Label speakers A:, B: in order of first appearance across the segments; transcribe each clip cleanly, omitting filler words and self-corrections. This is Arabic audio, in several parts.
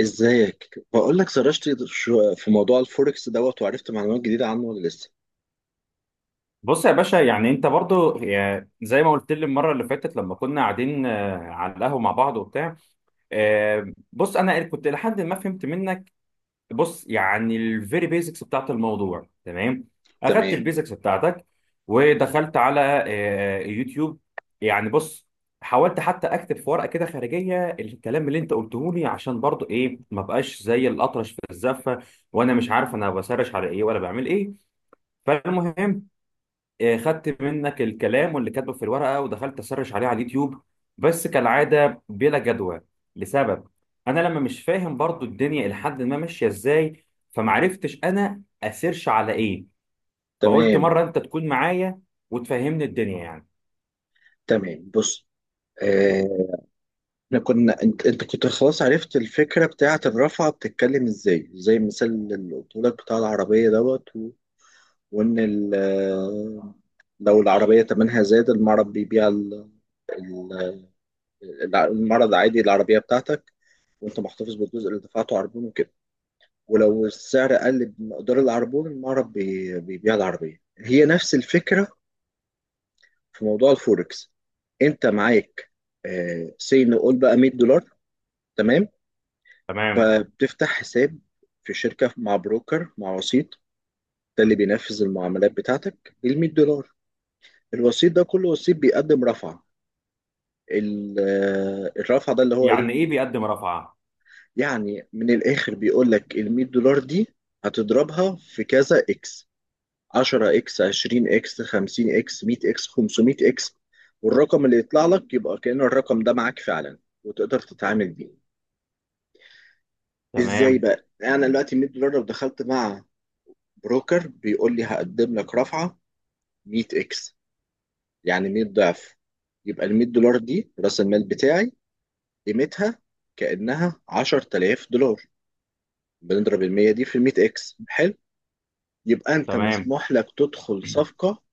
A: ازيك؟ بقول لك سرشت في موضوع الفوركس دوت وعرفت معلومات جديده عنه ولا لسه؟
B: بص يا باشا يعني انت برضو زي ما قلت لي المره اللي فاتت لما كنا قاعدين، على القهوه مع بعض وبتاع. بص انا كنت لحد ما فهمت منك. بص يعني الفيري بيزكس بتاعت الموضوع تمام. اخدت
A: تمام.
B: البيزكس بتاعتك ودخلت على يوتيوب. يعني بص، حاولت حتى اكتب في ورقه كده خارجيه الكلام اللي انت قلته لي عشان برضو ايه ما بقاش زي الاطرش في الزفه، وانا مش عارف انا بسرش على ايه ولا بعمل ايه. فالمهم، خدت منك الكلام واللي كاتبه في الورقه ودخلت اسرش عليه على اليوتيوب، بس كالعاده بلا جدوى. لسبب انا لما مش فاهم برضو الدنيا لحد ما ماشيه ازاي، فمعرفتش انا اسيرش على ايه. فقلت
A: تمام.
B: مره انت تكون معايا وتفهمني الدنيا يعني.
A: تمام. بص، آه، احنا كنا انت كنت خلاص عرفت الفكره بتاعه الرفعه بتتكلم ازاي، زي المثال اللي قلت لك بتاع العربيه دوت وان ال... آه، لو العربيه تمنها زاد، المعرض بيبيع ال- المعرض عادي العربيه بتاعتك، وانت محتفظ بالجزء اللي دفعته عربون وكده. ولو السعر قل بمقدار العربون، المعرض بيبيع العربية. هي نفس الفكرة في موضوع الفوركس. انت معاك، سي نقول بقى $100. تمام؟
B: تمام.
A: فبتفتح حساب في شركة مع بروكر، مع وسيط، ده اللي بينفذ المعاملات بتاعتك ال $100. الوسيط ده، كل وسيط بيقدم رفعة. الرفعة ده اللي هو ايه؟
B: يعني ايه بيقدم رفعه؟
A: يعني من الاخر بيقول لك ال $100 دي هتضربها في كذا اكس: 10 اكس، 20 اكس، 50 اكس، 100 اكس، 500 اكس. والرقم اللي يطلع لك يبقى كأن الرقم ده معاك فعلا، وتقدر تتعامل بيه. ازاي
B: تمام.
A: بقى؟ انا دلوقتي $100، لو دخلت مع بروكر بيقول لي هقدم لك رفعة 100 اكس، يعني 100 ضعف، يبقى ال $100 دي راس المال بتاعي قيمتها كأنها $10,000. بنضرب ال 100 دي في ال 100 اكس، حلو؟ يبقى انت
B: تمام.
A: مسموح لك تدخل صفقة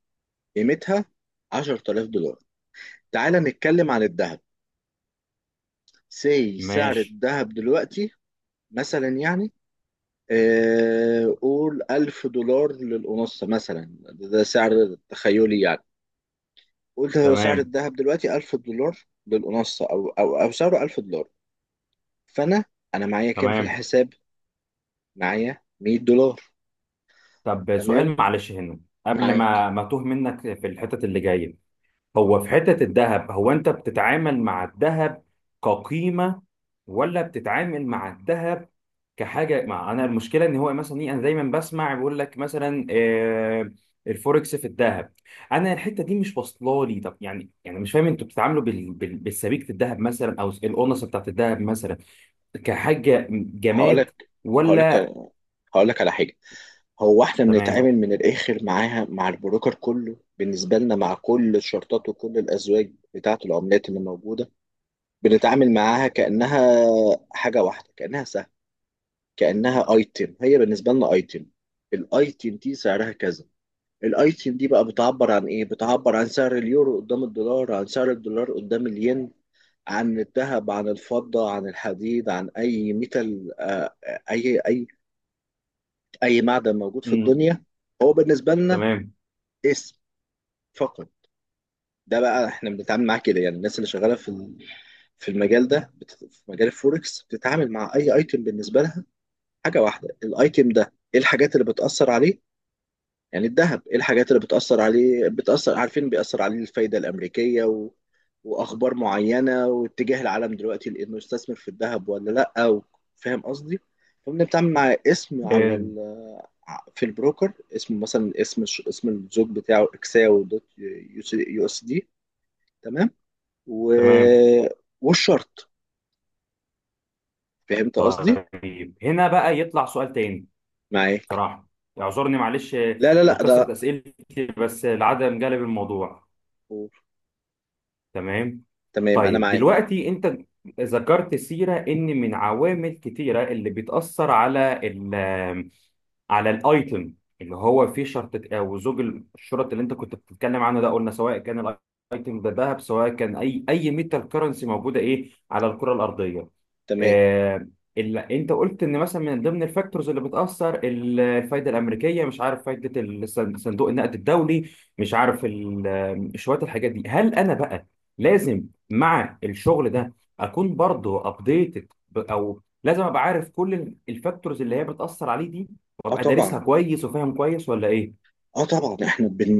A: قيمتها $10,000. تعال نتكلم عن الذهب. سي سعر
B: ماشي.
A: الذهب دلوقتي مثلا، يعني قول $1,000 للأونصة، مثلا. ده سعر تخيلي يعني. قلت هو سعر
B: تمام.
A: الذهب دلوقتي $1,000 للأونصة، أو سعره $1,000. فأنا، أنا معايا كام في
B: تمام.
A: الحساب؟ معايا $100.
B: طب
A: تمام؟
B: سؤال معلش هنا، قبل
A: معاك؟
B: ما توه منك في الحتت اللي جايه، هو في حتة الذهب هو أنت بتتعامل مع الذهب كقيمة ولا بتتعامل مع الذهب كحاجة؟ مع أنا المشكلة إن هو مثلا إيه، أنا دايما بسمع بيقول لك مثلا الفوركس في الذهب. أنا الحتة دي مش واصلة لي. طب يعني يعني مش فاهم أنتوا بتتعاملوا بالسبيكة الذهب مثلا أو الأونصة بتاعت الذهب مثلا كحاجة جماد
A: هقولك هقولك
B: ولا؟
A: هقولك على حاجة. هو احنا
B: تمام.
A: بنتعامل من الآخر معاها، مع البروكر، كله بالنسبة لنا، مع كل الشرطات وكل الأزواج بتاعة العملات اللي موجودة، بنتعامل معاها كأنها حاجة واحدة، كأنها سهم، كأنها ايتم. هي بالنسبة لنا ايتم. الايتم دي سعرها كذا. الايتم دي بقى بتعبر عن ايه؟ بتعبر عن سعر اليورو قدام الدولار، عن سعر الدولار قدام الين، عن الذهب، عن الفضة، عن الحديد، عن اي ميتال. اي معدن موجود في
B: مم.
A: الدنيا، هو بالنسبة لنا
B: تمام.
A: اسم فقط. ده بقى احنا بنتعامل معاه كده. يعني الناس اللي شغالة في المجال ده، في مجال الفوركس، بتتعامل مع اي ايتم بالنسبة لها حاجة واحدة. الايتم ده ايه الحاجات اللي بتأثر عليه؟ يعني الذهب، ايه الحاجات اللي بتأثر عليه، بتأثر؟ عارفين بيأثر عليه الفايدة الأمريكية وأخبار معينة واتجاه العالم دلوقتي، لأنه يستثمر في الذهب ولا لأ، فاهم قصدي؟ فبنتعامل مع اسم على
B: حلو.
A: في البروكر اسمه، مثلا، اسم اسم الزوج بتاعه اكساو دوت يو اس دي. تمام. و...
B: تمام.
A: والشرط. فهمت قصدي؟
B: طيب هنا بقى يطلع سؤال تاني.
A: معاك؟
B: صراحة اعذرني معلش
A: لا لا لا
B: لكثرة
A: ده
B: أسئلتي بس العدم جلب الموضوع. تمام.
A: تمام. انا
B: طيب
A: معاك.
B: دلوقتي أنت ذكرت سيرة إن من عوامل كتيرة اللي بتأثر على الايتم اللي هو فيه شرطة او زوج. الشرط اللي انت كنت بتتكلم عنه ده قلنا سواء كان الايتم ده ذهب سواء كان اي ميتال كرنسي موجودة ايه على الكرة الارضية.
A: تمام.
B: آه، اللي انت قلت ان مثلا من ضمن الفاكتورز اللي بتأثر الفايدة الامريكية، مش عارف فايدة صندوق النقد الدولي، مش عارف شوية الحاجات دي، هل انا بقى لازم مع الشغل ده اكون برضه ابديتد؟ او لازم ابقى عارف كل الفاكتورز اللي هي بتأثر عليه دي
A: اه
B: وابقى دارسها
A: طبعا،
B: كويس وفاهم كويس ولا ايه؟
A: اه طبعا، احنا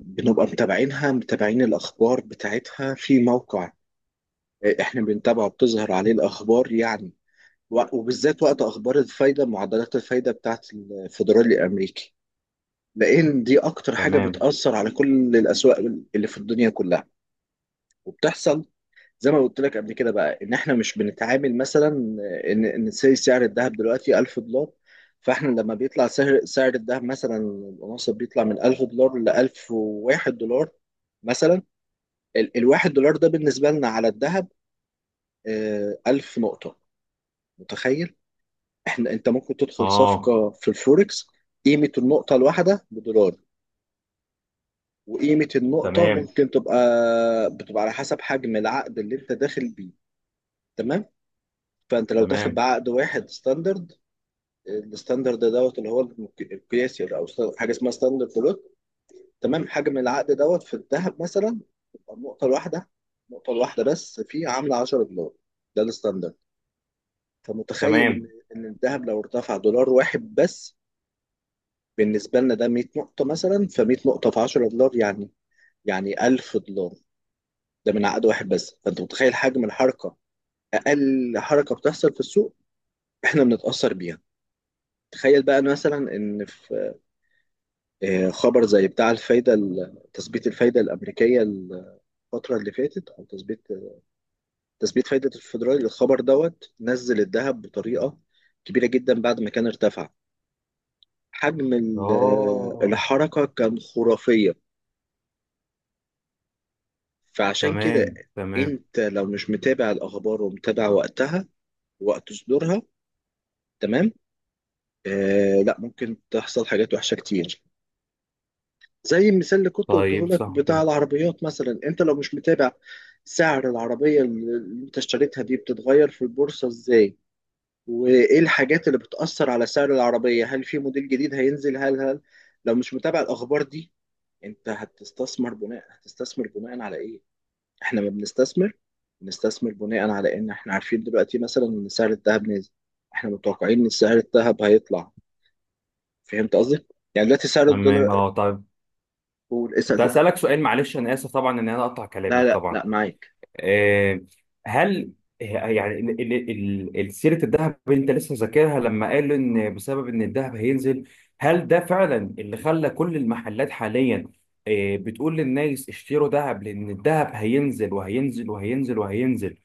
A: بنبقى متابعينها، متابعين الاخبار بتاعتها في موقع احنا بنتابعه بتظهر عليه الاخبار، يعني. وبالذات وقت اخبار الفايده، معدلات الفايده بتاعت الفدرالي الامريكي، لان دي اكتر حاجه
B: تمام.
A: بتاثر على كل الاسواق اللي في الدنيا كلها. وبتحصل زي ما قلت لك قبل كده بقى، ان احنا مش بنتعامل مثلا سعر الذهب دلوقتي $1,000. فاحنا لما بيطلع سعر الذهب مثلا الأونصة، بيطلع من $1,000 ل $1,001 مثلا. الواحد دولار ده بالنسبة لنا على الذهب 1000 نقطة. متخيل؟ انت ممكن تدخل
B: اه.
A: صفقة في الفوركس قيمة النقطة الواحدة بدولار، وقيمة النقطة
B: تمام.
A: ممكن تبقى، بتبقى على حسب حجم العقد اللي انت داخل بيه. تمام؟ فانت لو داخل
B: تمام.
A: بعقد واحد ستاندرد، الستاندرد دوت اللي هو القياسي، حاجه اسمها ستاندرد بلوت. تمام؟ حجم العقد دوت في الذهب مثلا تبقى النقطه الواحده بس فيه عامله $10. ده الستاندرد. فمتخيل ان
B: تمام.
A: ان الذهب لو ارتفع دولار واحد بس، بالنسبه لنا ده 100 نقطه مثلا، ف100 نقطه في $10، يعني يعني $1,000، ده من عقد واحد بس. فانت متخيل حجم الحركه؟ اقل حركه بتحصل في السوق، احنا بنتاثر بيها. تخيل بقى مثلا ان في خبر زي بتاع الفايدة، تثبيت الفايدة الأمريكية الفترة اللي فاتت، أو تثبيت فايدة الفيدرالي. الخبر دوت نزل الذهب بطريقة كبيرة جدا بعد ما كان ارتفع. حجم
B: اه.
A: الحركة كان خرافية. فعشان كده،
B: تمام. تمام.
A: أنت لو مش متابع الأخبار ومتابع وقتها، وقت صدورها، تمام، لا، ممكن تحصل حاجات وحشة كتير. زي المثال اللي كنت قلته
B: طيب
A: لك
B: صح
A: بتاع
B: كده.
A: العربيات مثلا، انت لو مش متابع سعر العربية اللي انت اشتريتها دي بتتغير في البورصة ازاي، وايه الحاجات اللي بتأثر على سعر العربية، هل في موديل جديد هينزل، هل هل لو مش متابع الأخبار دي، انت هتستثمر بناء على ايه؟ احنا ما بنستثمر، بنستثمر بناء على ان احنا عارفين دلوقتي مثلا ان سعر الذهب نازل، احنا متوقعين ان سعر الذهب هيطلع. فهمت قصدي؟ يعني دلوقتي سعر الدولار
B: تمام. اه. طيب
A: والاسعار...
B: كنت هسألك سؤال، معلش انا اسف طبعا ان انا اقطع
A: لا
B: كلامك
A: لا
B: طبعا.
A: لا معاك.
B: آه، هل يعني سيرة الذهب اللي انت لسه ذاكرها لما قال ان بسبب ان الذهب هينزل، هل ده فعلا اللي خلى كل المحلات حاليا بتقول للناس اشتروا ذهب لان الذهب هينزل وهينزل وهينزل وهينزل؟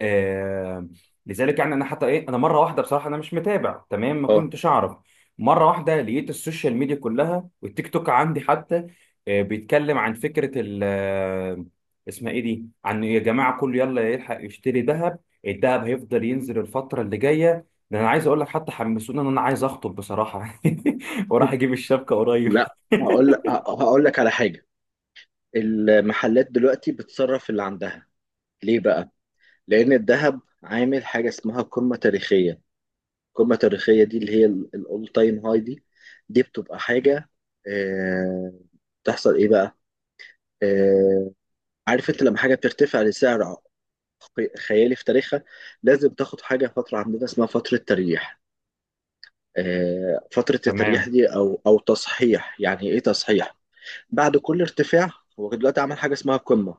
B: آه، لذلك يعني انا حتى ايه، انا مره واحده بصراحه انا مش متابع تمام، ما
A: اه.
B: كنتش اعرف. مره واحده لقيت السوشيال ميديا كلها والتيك توك عندي حتى آه بيتكلم عن فكره ال اسمها ايه دي، عن يا جماعه كله يلا يلحق يشتري ذهب، الذهب هيفضل ينزل الفتره اللي جايه. ده انا عايز اقول لك حتى حمسوني ان انا عايز اخطب بصراحه. وراح اجيب الشبكه قريب.
A: لا، هقول لك على حاجة. المحلات دلوقتي بتصرف اللي عندها. ليه بقى؟ لأن الذهب عامل حاجة اسمها قمة تاريخية. القمة التاريخية دي اللي هي الأول تايم هاي دي، دي بتبقى حاجة. آه، بتحصل إيه بقى؟ آه، عارف أنت لما حاجة بترتفع لسعر خيالي في تاريخها، لازم تاخد حاجة فترة عندنا اسمها فترة تريح. فترة التريح
B: تمام.
A: دي، أو تصحيح، يعني إيه تصحيح؟ بعد كل ارتفاع، هو دلوقتي عمل حاجة اسمها قمة،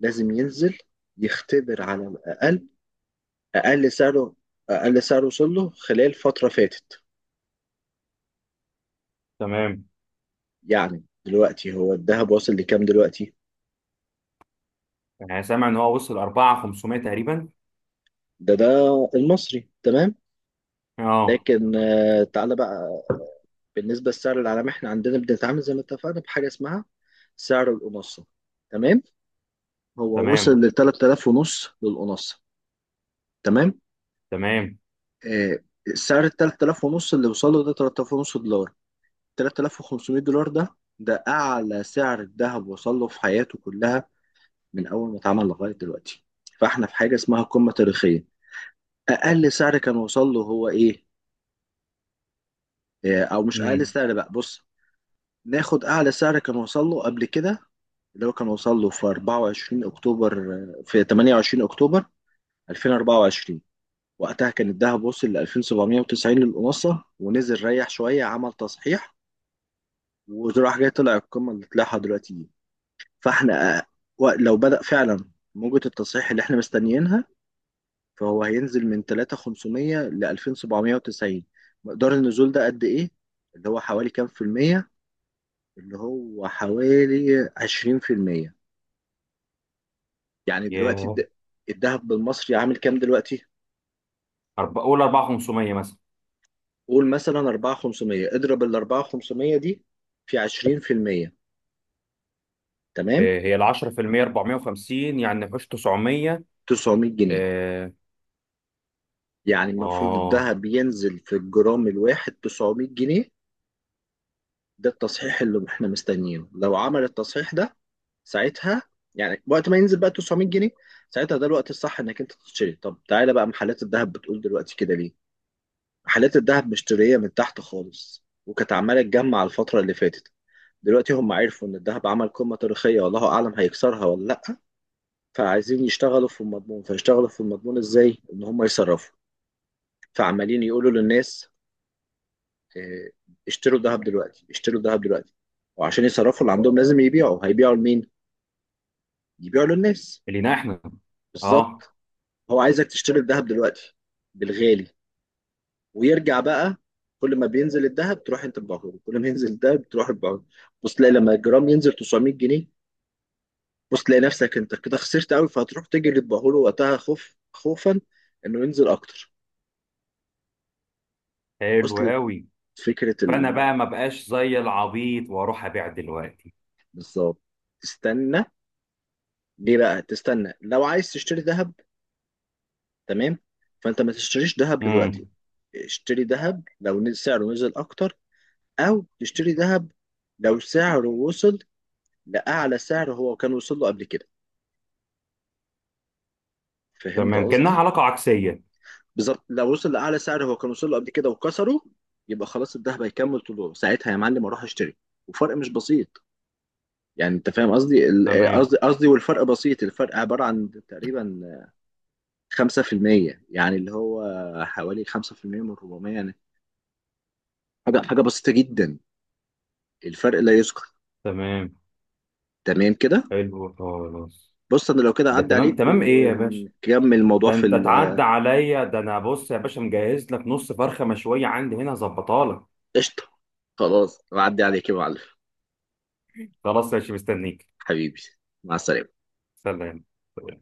A: لازم ينزل، يختبر على الأقل أقل سعره أقل سعره وصل له خلال فترة فاتت.
B: تمام.
A: يعني دلوقتي هو الذهب واصل لكام دلوقتي؟
B: انا سامع ان هو وصل 4500 تقريبا.
A: ده المصري، تمام،
B: اه.
A: لكن تعالى بقى بالنسبة للسعر العالمي. احنا عندنا بنتعامل زي ما اتفقنا بحاجة اسمها سعر الأونصة. تمام؟ هو وصل
B: تمام.
A: ل 3000 ونص للأونصة. تمام.
B: تمام.
A: آه، سعر ال 3000 ونص اللي وصل له ده، 3000 ونص دولار، $3500، ده أعلى سعر الذهب وصل له في حياته كلها، من أول ما اتعمل لغاية دلوقتي. فإحنا في حاجة اسمها قمة تاريخية. أقل سعر كان وصل له هو إيه؟ أو مش أقل
B: إمم.
A: سعر بقى، بص، ناخد أعلى سعر كان وصل له قبل كده، اللي هو كان وصل له في 24 أكتوبر، في 28 أكتوبر 2024. وقتها كان الذهب وصل ل 2790 للأونصة، ونزل ريح شوية، عمل تصحيح، وراح جاي طلع القمة اللي طلعها دلوقتي دي. فاحنا، لو بدأ فعلا موجة التصحيح اللي احنا مستنيينها، فهو هينزل من 3500 ل 2790. مقدار النزول ده قد ايه؟ اللي هو حوالي كام في المية؟ اللي هو حوالي 20%. يعني دلوقتي
B: ياه.
A: الذهب بالمصري عامل كام دلوقتي؟
B: قول 4500 مثلا.
A: قول مثلا 4500. اضرب ال 4500 دي في 20%. تمام؟
B: آه، هي ال 10% 450 يعني نخش 900.
A: 900 جنيه.
B: اه.
A: يعني المفروض
B: اه.
A: الذهب ينزل في الجرام الواحد 900 جنيه. ده التصحيح اللي احنا مستنيينه. لو عمل التصحيح ده ساعتها، يعني وقت ما ينزل بقى 900 جنيه، ساعتها ده الوقت الصح انك انت تشتري. طب تعالى بقى، محلات الذهب بتقول دلوقتي كده ليه؟ محلات الذهب مشتريه من تحت خالص، وكانت عماله تجمع الفتره اللي فاتت. دلوقتي هم عرفوا ان الذهب عمل قمه تاريخيه، والله اعلم هيكسرها ولا لا. فعايزين يشتغلوا في المضمون. فيشتغلوا في المضمون ازاي؟ ان هم يصرفوا. فعمالين يقولوا للناس: آه، اشتروا الذهب دلوقتي، اشتروا الذهب دلوقتي. وعشان يصرفوا اللي عندهم لازم يبيعوا. هيبيعوا لمين؟ يبيعه للناس.
B: لينا احنا. اه.
A: بالظبط. هو عايزك تشتري الذهب دلوقتي بالغالي. ويرجع بقى، كل ما بينزل الذهب تروح انت تبيعه له، كل ما ينزل الذهب تروح تبيعه له. بص تلاقي لما الجرام ينزل 900 جنيه، بص تلاقي نفسك انت كده خسرت قوي، فهتروح تجري تبيعه له وقتها، خوف، خوفا انه ينزل اكتر.
B: حلو
A: وصلت
B: قوي.
A: فكرة
B: فانا
A: ال...؟
B: بقى ما بقاش زي العبيط واروح ابيع دلوقتي.
A: بالظبط. تستنى. ليه بقى تستنى؟ لو عايز تشتري ذهب، تمام، فانت ما تشتريش ذهب دلوقتي.
B: امم.
A: اشتري ذهب لو سعره نزل اكتر، او تشتري ذهب لو سعره وصل لاعلى سعر هو كان وصل له قبل كده. فهمت
B: تمام كأنها
A: قصدي؟
B: علاقة عكسية.
A: بالظبط. لو وصل لاعلى سعر هو كان وصل له قبل كده وكسره، يبقى خلاص الذهب هيكمل طوله. ساعتها يا معلم اروح اشتري. وفرق مش بسيط، يعني انت فاهم قصدي
B: تمام.
A: والفرق بسيط. الفرق عباره عن تقريبا 5%، يعني اللي هو حوالي 5% من 400، يعني حاجه، حاجه بسيطه جدا، الفرق لا يذكر.
B: تمام.
A: تمام كده؟
B: حلو خلاص.
A: بص، انا لو كده
B: ده
A: عدى
B: تمام
A: عليك
B: تمام، ايه يا باشا؟
A: ونكمل الموضوع
B: ده
A: في...
B: انت تعدى عليا، ده انا بص يا باشا مجهز لك نص فرخة مشوية عندي هنا هظبطها لك.
A: قشطة. خلاص بعدي عليك يا معلم.
B: خلاص ماشي مستنيك.
A: حبيبي، مع السلامة.
B: سلام.